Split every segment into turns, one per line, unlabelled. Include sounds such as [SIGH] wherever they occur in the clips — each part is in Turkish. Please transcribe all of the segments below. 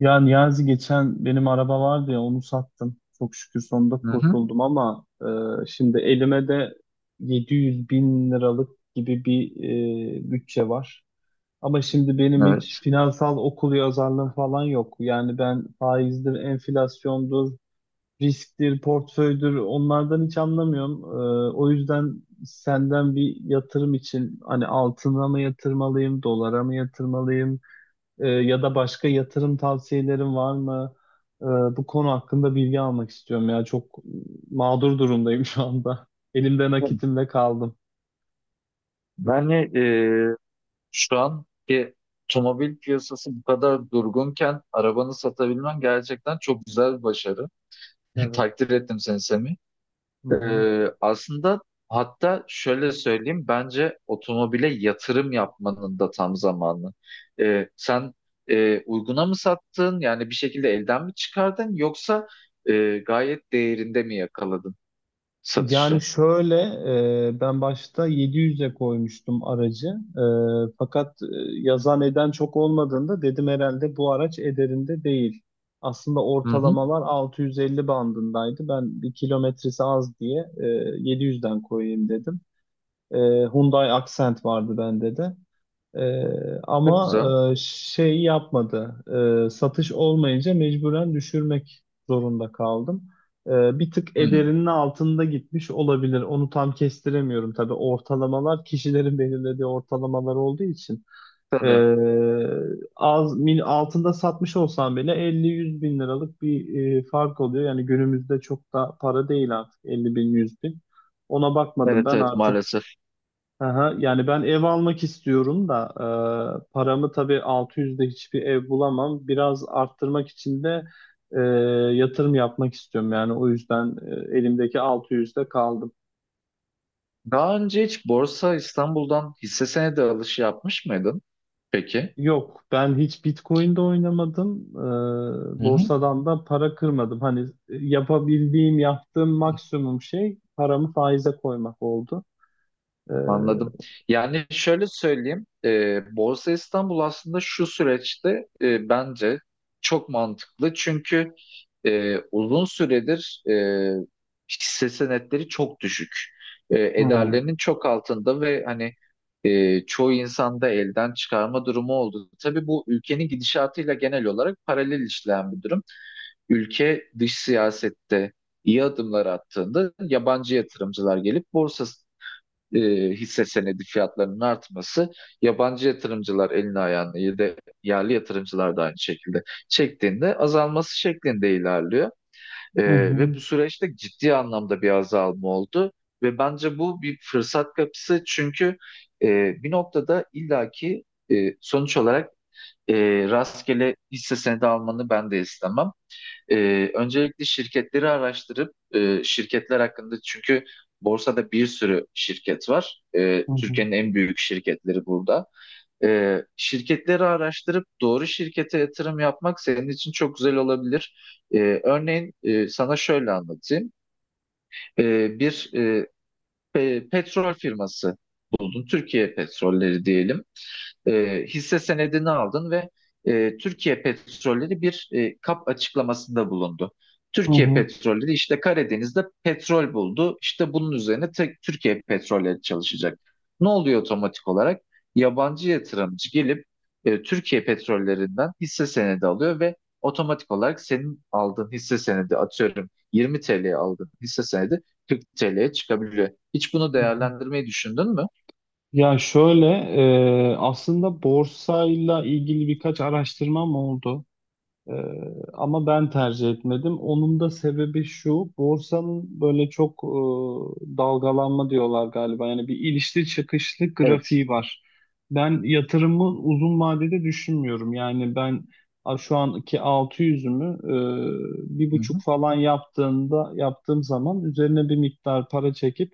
Ya Niyazi geçen benim araba vardı ya onu sattım. Çok şükür sonunda
Hı hı,
kurtuldum ama şimdi elime de 700 bin liralık gibi bir bütçe var. Ama şimdi benim hiç
evet.
finansal okul yazarlığım falan yok. Yani ben faizdir, enflasyondur, risktir, portföydür onlardan hiç anlamıyorum. O yüzden senden bir yatırım için hani altına mı yatırmalıyım, dolara mı yatırmalıyım? Ya da başka yatırım tavsiyelerin var mı? Ee, Bu konu hakkında bilgi almak istiyorum ya. Çok mağdur durumdayım [LAUGHS] şu anda. Elimde nakitimle kaldım.
Yani şu anki otomobil piyasası bu kadar durgunken arabanı satabilmen gerçekten çok güzel bir başarı. [LAUGHS]
Evet.
Takdir ettim seni Semih.
Hı
E,
hı.
aslında hatta şöyle söyleyeyim, bence otomobile yatırım yapmanın da tam zamanı. Sen uyguna mı sattın, yani bir şekilde elden mi çıkardın, yoksa gayet değerinde mi yakaladın
Yani
satışı?
şöyle, ben başta 700'e koymuştum aracı. Fakat yazan eden çok olmadığında dedim herhalde bu araç ederinde değil. Aslında
Hı hı.
ortalamalar 650 bandındaydı. Ben bir kilometresi az diye 700'den koyayım dedim. E, Hyundai Accent vardı bende de.
Çok
Ama
güzel.
şey yapmadı. Satış olmayınca mecburen düşürmek zorunda kaldım. Bir tık
Hı,
ederinin altında gitmiş olabilir. Onu tam kestiremiyorum tabii. Ortalamalar kişilerin [LAUGHS] belirlediği ortalamalar olduğu için. E,
tabii.
Az mil, altında satmış olsam bile 50-100 bin liralık bir fark oluyor. Yani günümüzde çok da para değil artık 50 bin 100 bin. Ona bakmadım
Evet,
ben
evet,
artık.
maalesef.
Aha, yani ben ev almak istiyorum da paramı tabii 600'de hiçbir ev bulamam. Biraz arttırmak için de e, yatırım yapmak istiyorum. Yani o yüzden elimdeki 600'de kaldım.
Daha önce hiç Borsa İstanbul'dan hisse senedi alışı yapmış mıydın? Peki.
Yok, ben hiç Bitcoin'de oynamadım.
Hı hı.
Borsadan da para kırmadım. Hani yapabildiğim, yaptığım maksimum şey paramı faize koymak oldu. E,
Anladım. Yani şöyle söyleyeyim, Borsa İstanbul aslında şu süreçte bence çok mantıklı. Çünkü uzun süredir hisse senetleri çok düşük. E,
Hı hı
ederlerinin çok altında ve hani çoğu insanda elden çıkarma durumu oldu. Tabii bu ülkenin gidişatıyla genel olarak paralel işleyen bir durum. Ülke dış siyasette iyi adımlar attığında yabancı yatırımcılar gelip borsa e, hisse senedi fiyatlarının artması, yabancı yatırımcılar elini ayağını ya da yerli yatırımcılar da aynı şekilde çektiğinde azalması şeklinde ilerliyor. E,
hı
ve bu süreçte ciddi anlamda bir azalma oldu. Ve bence bu bir fırsat kapısı. Çünkü e, bir noktada illaki sonuç olarak e, rastgele hisse senedi almanı ben de istemem. Öncelikle şirketleri araştırıp, şirketler hakkında, çünkü borsada bir sürü şirket var. Ee,
hı
Türkiye'nin en büyük şirketleri burada. Şirketleri araştırıp doğru şirkete yatırım yapmak senin için çok güzel olabilir. Örneğin sana şöyle anlatayım. Bir petrol firması buldun. Türkiye Petrolleri diyelim, hisse senedini aldın ve Türkiye Petrolleri bir kap açıklamasında bulundu.
hı
Türkiye
hı.
Petrolleri işte Karadeniz'de petrol buldu. İşte bunun üzerine tek Türkiye Petrolleri çalışacak. Ne oluyor otomatik olarak? Yabancı yatırımcı gelip Türkiye Petrolleri'nden hisse senedi alıyor ve otomatik olarak senin aldığın hisse senedi, atıyorum 20 TL'ye aldığın hisse senedi, 40 TL'ye çıkabiliyor. Hiç bunu
Hı. Hı.
değerlendirmeyi düşündün mü?
Ya şöyle, aslında borsayla ilgili birkaç araştırmam oldu. E, Ama ben tercih etmedim. Onun da sebebi şu, borsanın böyle çok dalgalanma diyorlar galiba. Yani bir ilişli çıkışlı
Evet.
grafiği var. Ben yatırımı uzun vadede düşünmüyorum. Yani ben şu anki 600'ümü bir
Hı
buçuk
hı.
falan yaptığım zaman üzerine bir miktar para çekip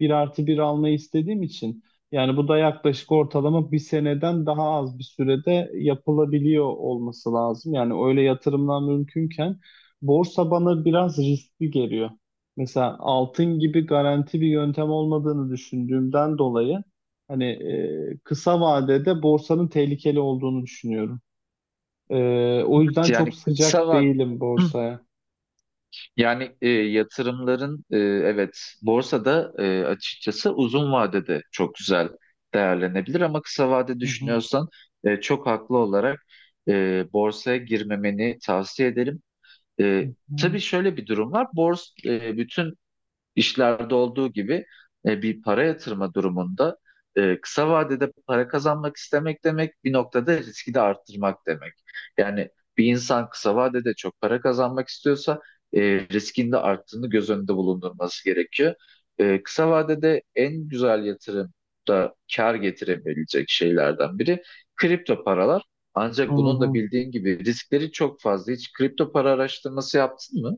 1+1 almayı istediğim için. Yani bu da yaklaşık ortalama bir seneden daha az bir sürede yapılabiliyor olması lazım. Yani öyle yatırımlar mümkünken borsa bana biraz riskli geliyor. Mesela altın gibi garanti bir yöntem olmadığını düşündüğümden dolayı hani kısa vadede borsanın tehlikeli olduğunu düşünüyorum. O yüzden çok
Yani kısa
sıcak
vak-
değilim borsaya.
yani yatırımların, evet, borsada açıkçası uzun vadede çok güzel değerlenebilir, ama kısa vade
Hı hı,
düşünüyorsan çok haklı olarak borsaya girmemeni tavsiye ederim. E,
hı
tabii şöyle bir durum var. Bütün İşlerde olduğu gibi bir para yatırma durumunda, kısa vadede para kazanmak istemek demek, bir noktada riski de arttırmak demek. Yani bir insan kısa vadede çok para kazanmak istiyorsa, e, riskin de arttığını göz önünde bulundurması gerekiyor. Kısa vadede en güzel yatırım da kar getirebilecek şeylerden biri kripto paralar.
hı,
Ancak bunun
hı
da
hı.
bildiğin gibi riskleri çok fazla. Hiç kripto para araştırması yaptın mı?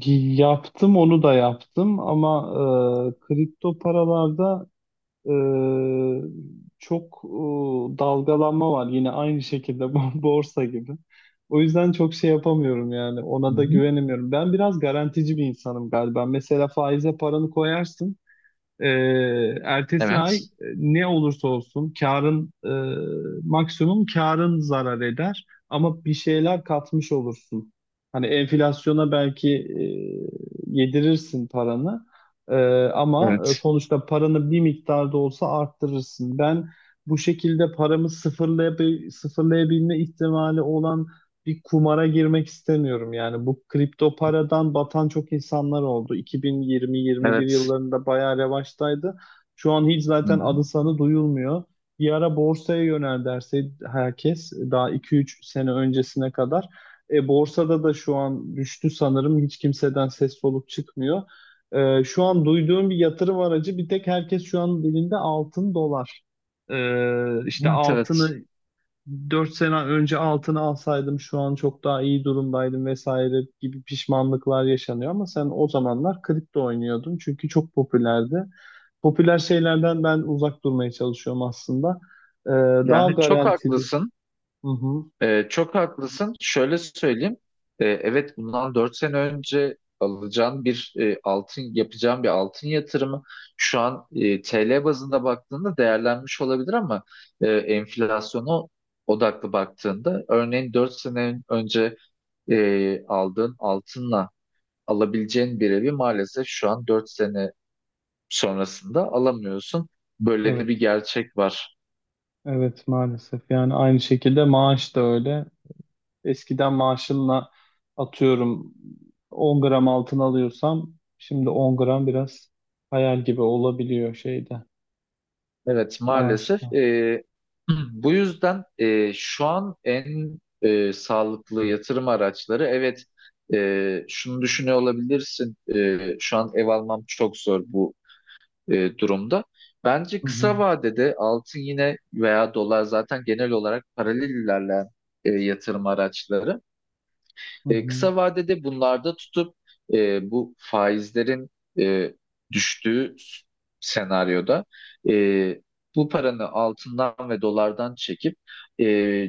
Yaptım onu da yaptım ama kripto paralarda Ee, çok dalgalanma var yine aynı şekilde [LAUGHS] borsa gibi. O yüzden çok şey yapamıyorum yani ona
Hı
da
hı.
güvenemiyorum. Ben biraz garantici bir insanım galiba. Mesela faize paranı koyarsın. Ertesi ay
Evet.
ne olursa olsun karın maksimum karın zarar eder ama bir şeyler katmış olursun. Hani enflasyona belki yedirirsin paranı. E, Ama
Evet.
sonuçta paranı bir miktar da olsa arttırırsın. Ben bu şekilde paramı sıfırlayabilme ihtimali olan bir kumara girmek istemiyorum. Yani bu kripto paradan batan çok insanlar oldu. 2020-21
Evet.
yıllarında bayağı revaçtaydı. Şu an hiç
Hı
zaten
hı.
adı sanı duyulmuyor. Bir ara borsaya yönel derse herkes daha 2-3 sene öncesine kadar. Borsada da şu an düştü sanırım. Hiç kimseden ses soluk çıkmıyor. Şu an duyduğum bir yatırım aracı bir tek herkes şu an dilinde altın dolar. İşte
Evet,
altını.
evet.
4 sene önce altını alsaydım şu an çok daha iyi durumdaydım vesaire gibi pişmanlıklar yaşanıyor ama sen o zamanlar kripto oynuyordun çünkü çok popülerdi. Popüler şeylerden ben uzak durmaya çalışıyorum aslında. Ee, Daha
Yani çok
garanti bir.
haklısın.
Hı hı.
Çok haklısın. Şöyle söyleyeyim. Evet, bundan 4 sene önce alacağın bir altın, yapacağın bir altın yatırımı, şu an TL bazında baktığında değerlenmiş olabilir, ama enflasyona odaklı baktığında, örneğin 4 sene önce aldığın altınla alabileceğin bir evi maalesef şu an, 4 sene sonrasında alamıyorsun. Böyle de bir
Evet,
gerçek var.
evet maalesef. Yani aynı şekilde maaş da öyle. Eskiden maaşımla atıyorum 10 gram altın alıyorsam şimdi 10 gram biraz hayal gibi olabiliyor şeyde
Evet, maalesef,
maaşta.
[CLEARS THROAT] bu yüzden şu an en sağlıklı yatırım araçları, evet, şunu düşünüyor olabilirsin, şu an ev almam çok zor bu durumda. Bence
Hı hı.
kısa vadede altın yine veya dolar zaten genel olarak paralel ilerleyen yatırım araçları.
Hı
E,
hı,
kısa vadede bunlarda tutup, bu faizlerin e, düştüğü senaryoda, e, bu paranı altından ve dolardan çekip, e,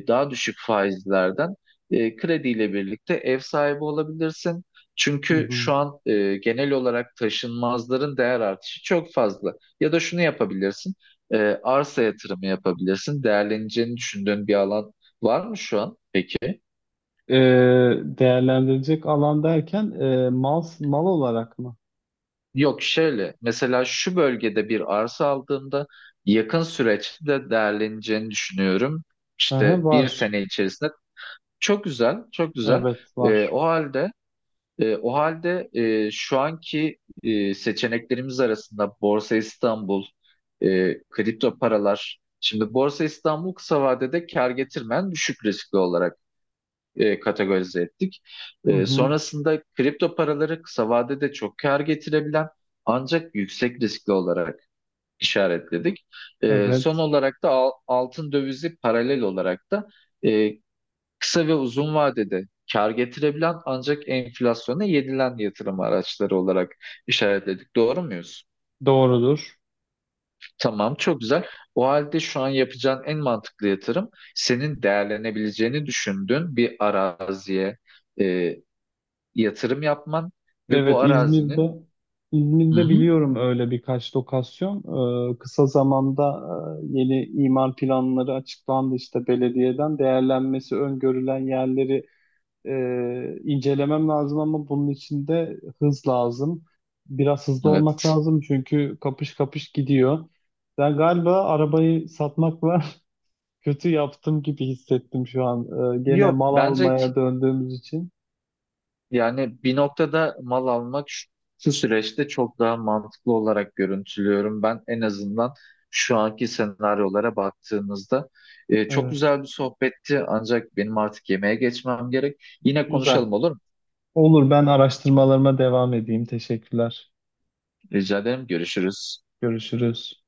daha düşük faizlerden krediyle birlikte ev sahibi olabilirsin.
hı
Çünkü şu
hı.
an genel olarak taşınmazların değer artışı çok fazla. Ya da şunu yapabilirsin, arsa yatırımı yapabilirsin. Değerleneceğini düşündüğün bir alan var mı şu an peki?
Ee, Değerlendirecek alan derken mal mal olarak mı?
Yok, şöyle mesela şu bölgede bir arsa aldığımda yakın süreçte de değerleneceğini düşünüyorum.
Hı
İşte
hı,
bir
var.
sene içerisinde. Çok güzel, çok güzel.
Evet
Ee,
var.
o halde o halde şu anki seçeneklerimiz arasında Borsa İstanbul, kripto paralar. Şimdi Borsa İstanbul kısa vadede kar getirmeyen, düşük riskli olarak kategorize ettik.
Hı
E,
hı,
sonrasında kripto paraları kısa vadede çok kar getirebilen ancak yüksek riskli olarak işaretledik. Son
evet,
olarak da altın dövizi paralel olarak da e, kısa ve uzun vadede kar getirebilen ancak enflasyona yedilen yatırım araçları olarak işaretledik. Doğru muyuz?
doğrudur.
Tamam, çok güzel. O halde şu an yapacağın en mantıklı yatırım, senin değerlenebileceğini düşündüğün bir araziye e, yatırım yapman ve
Evet,
bu arazinin...
İzmir'de.
Hı
İzmir'de
hı.
biliyorum öyle birkaç lokasyon. Kısa zamanda yeni imar planları açıklandı, işte belediyeden değerlenmesi öngörülen yerleri e, incelemem lazım ama bunun için de hız lazım. Biraz hızlı olmak
Evet.
lazım çünkü kapış kapış gidiyor. Ben galiba arabayı satmakla [LAUGHS] kötü yaptım gibi hissettim şu an. Gene
Yok,
mal
bence
almaya döndüğümüz için.
yani bir noktada mal almak şu süreçte çok daha mantıklı olarak görüntülüyorum. Ben en azından şu anki senaryolara baktığımızda... Çok
Evet,
güzel bir sohbetti, ancak benim artık yemeğe geçmem gerek. Yine
güzel.
konuşalım, olur mu?
Olur, ben araştırmalarıma devam edeyim. Teşekkürler.
Rica ederim. Görüşürüz.
Görüşürüz.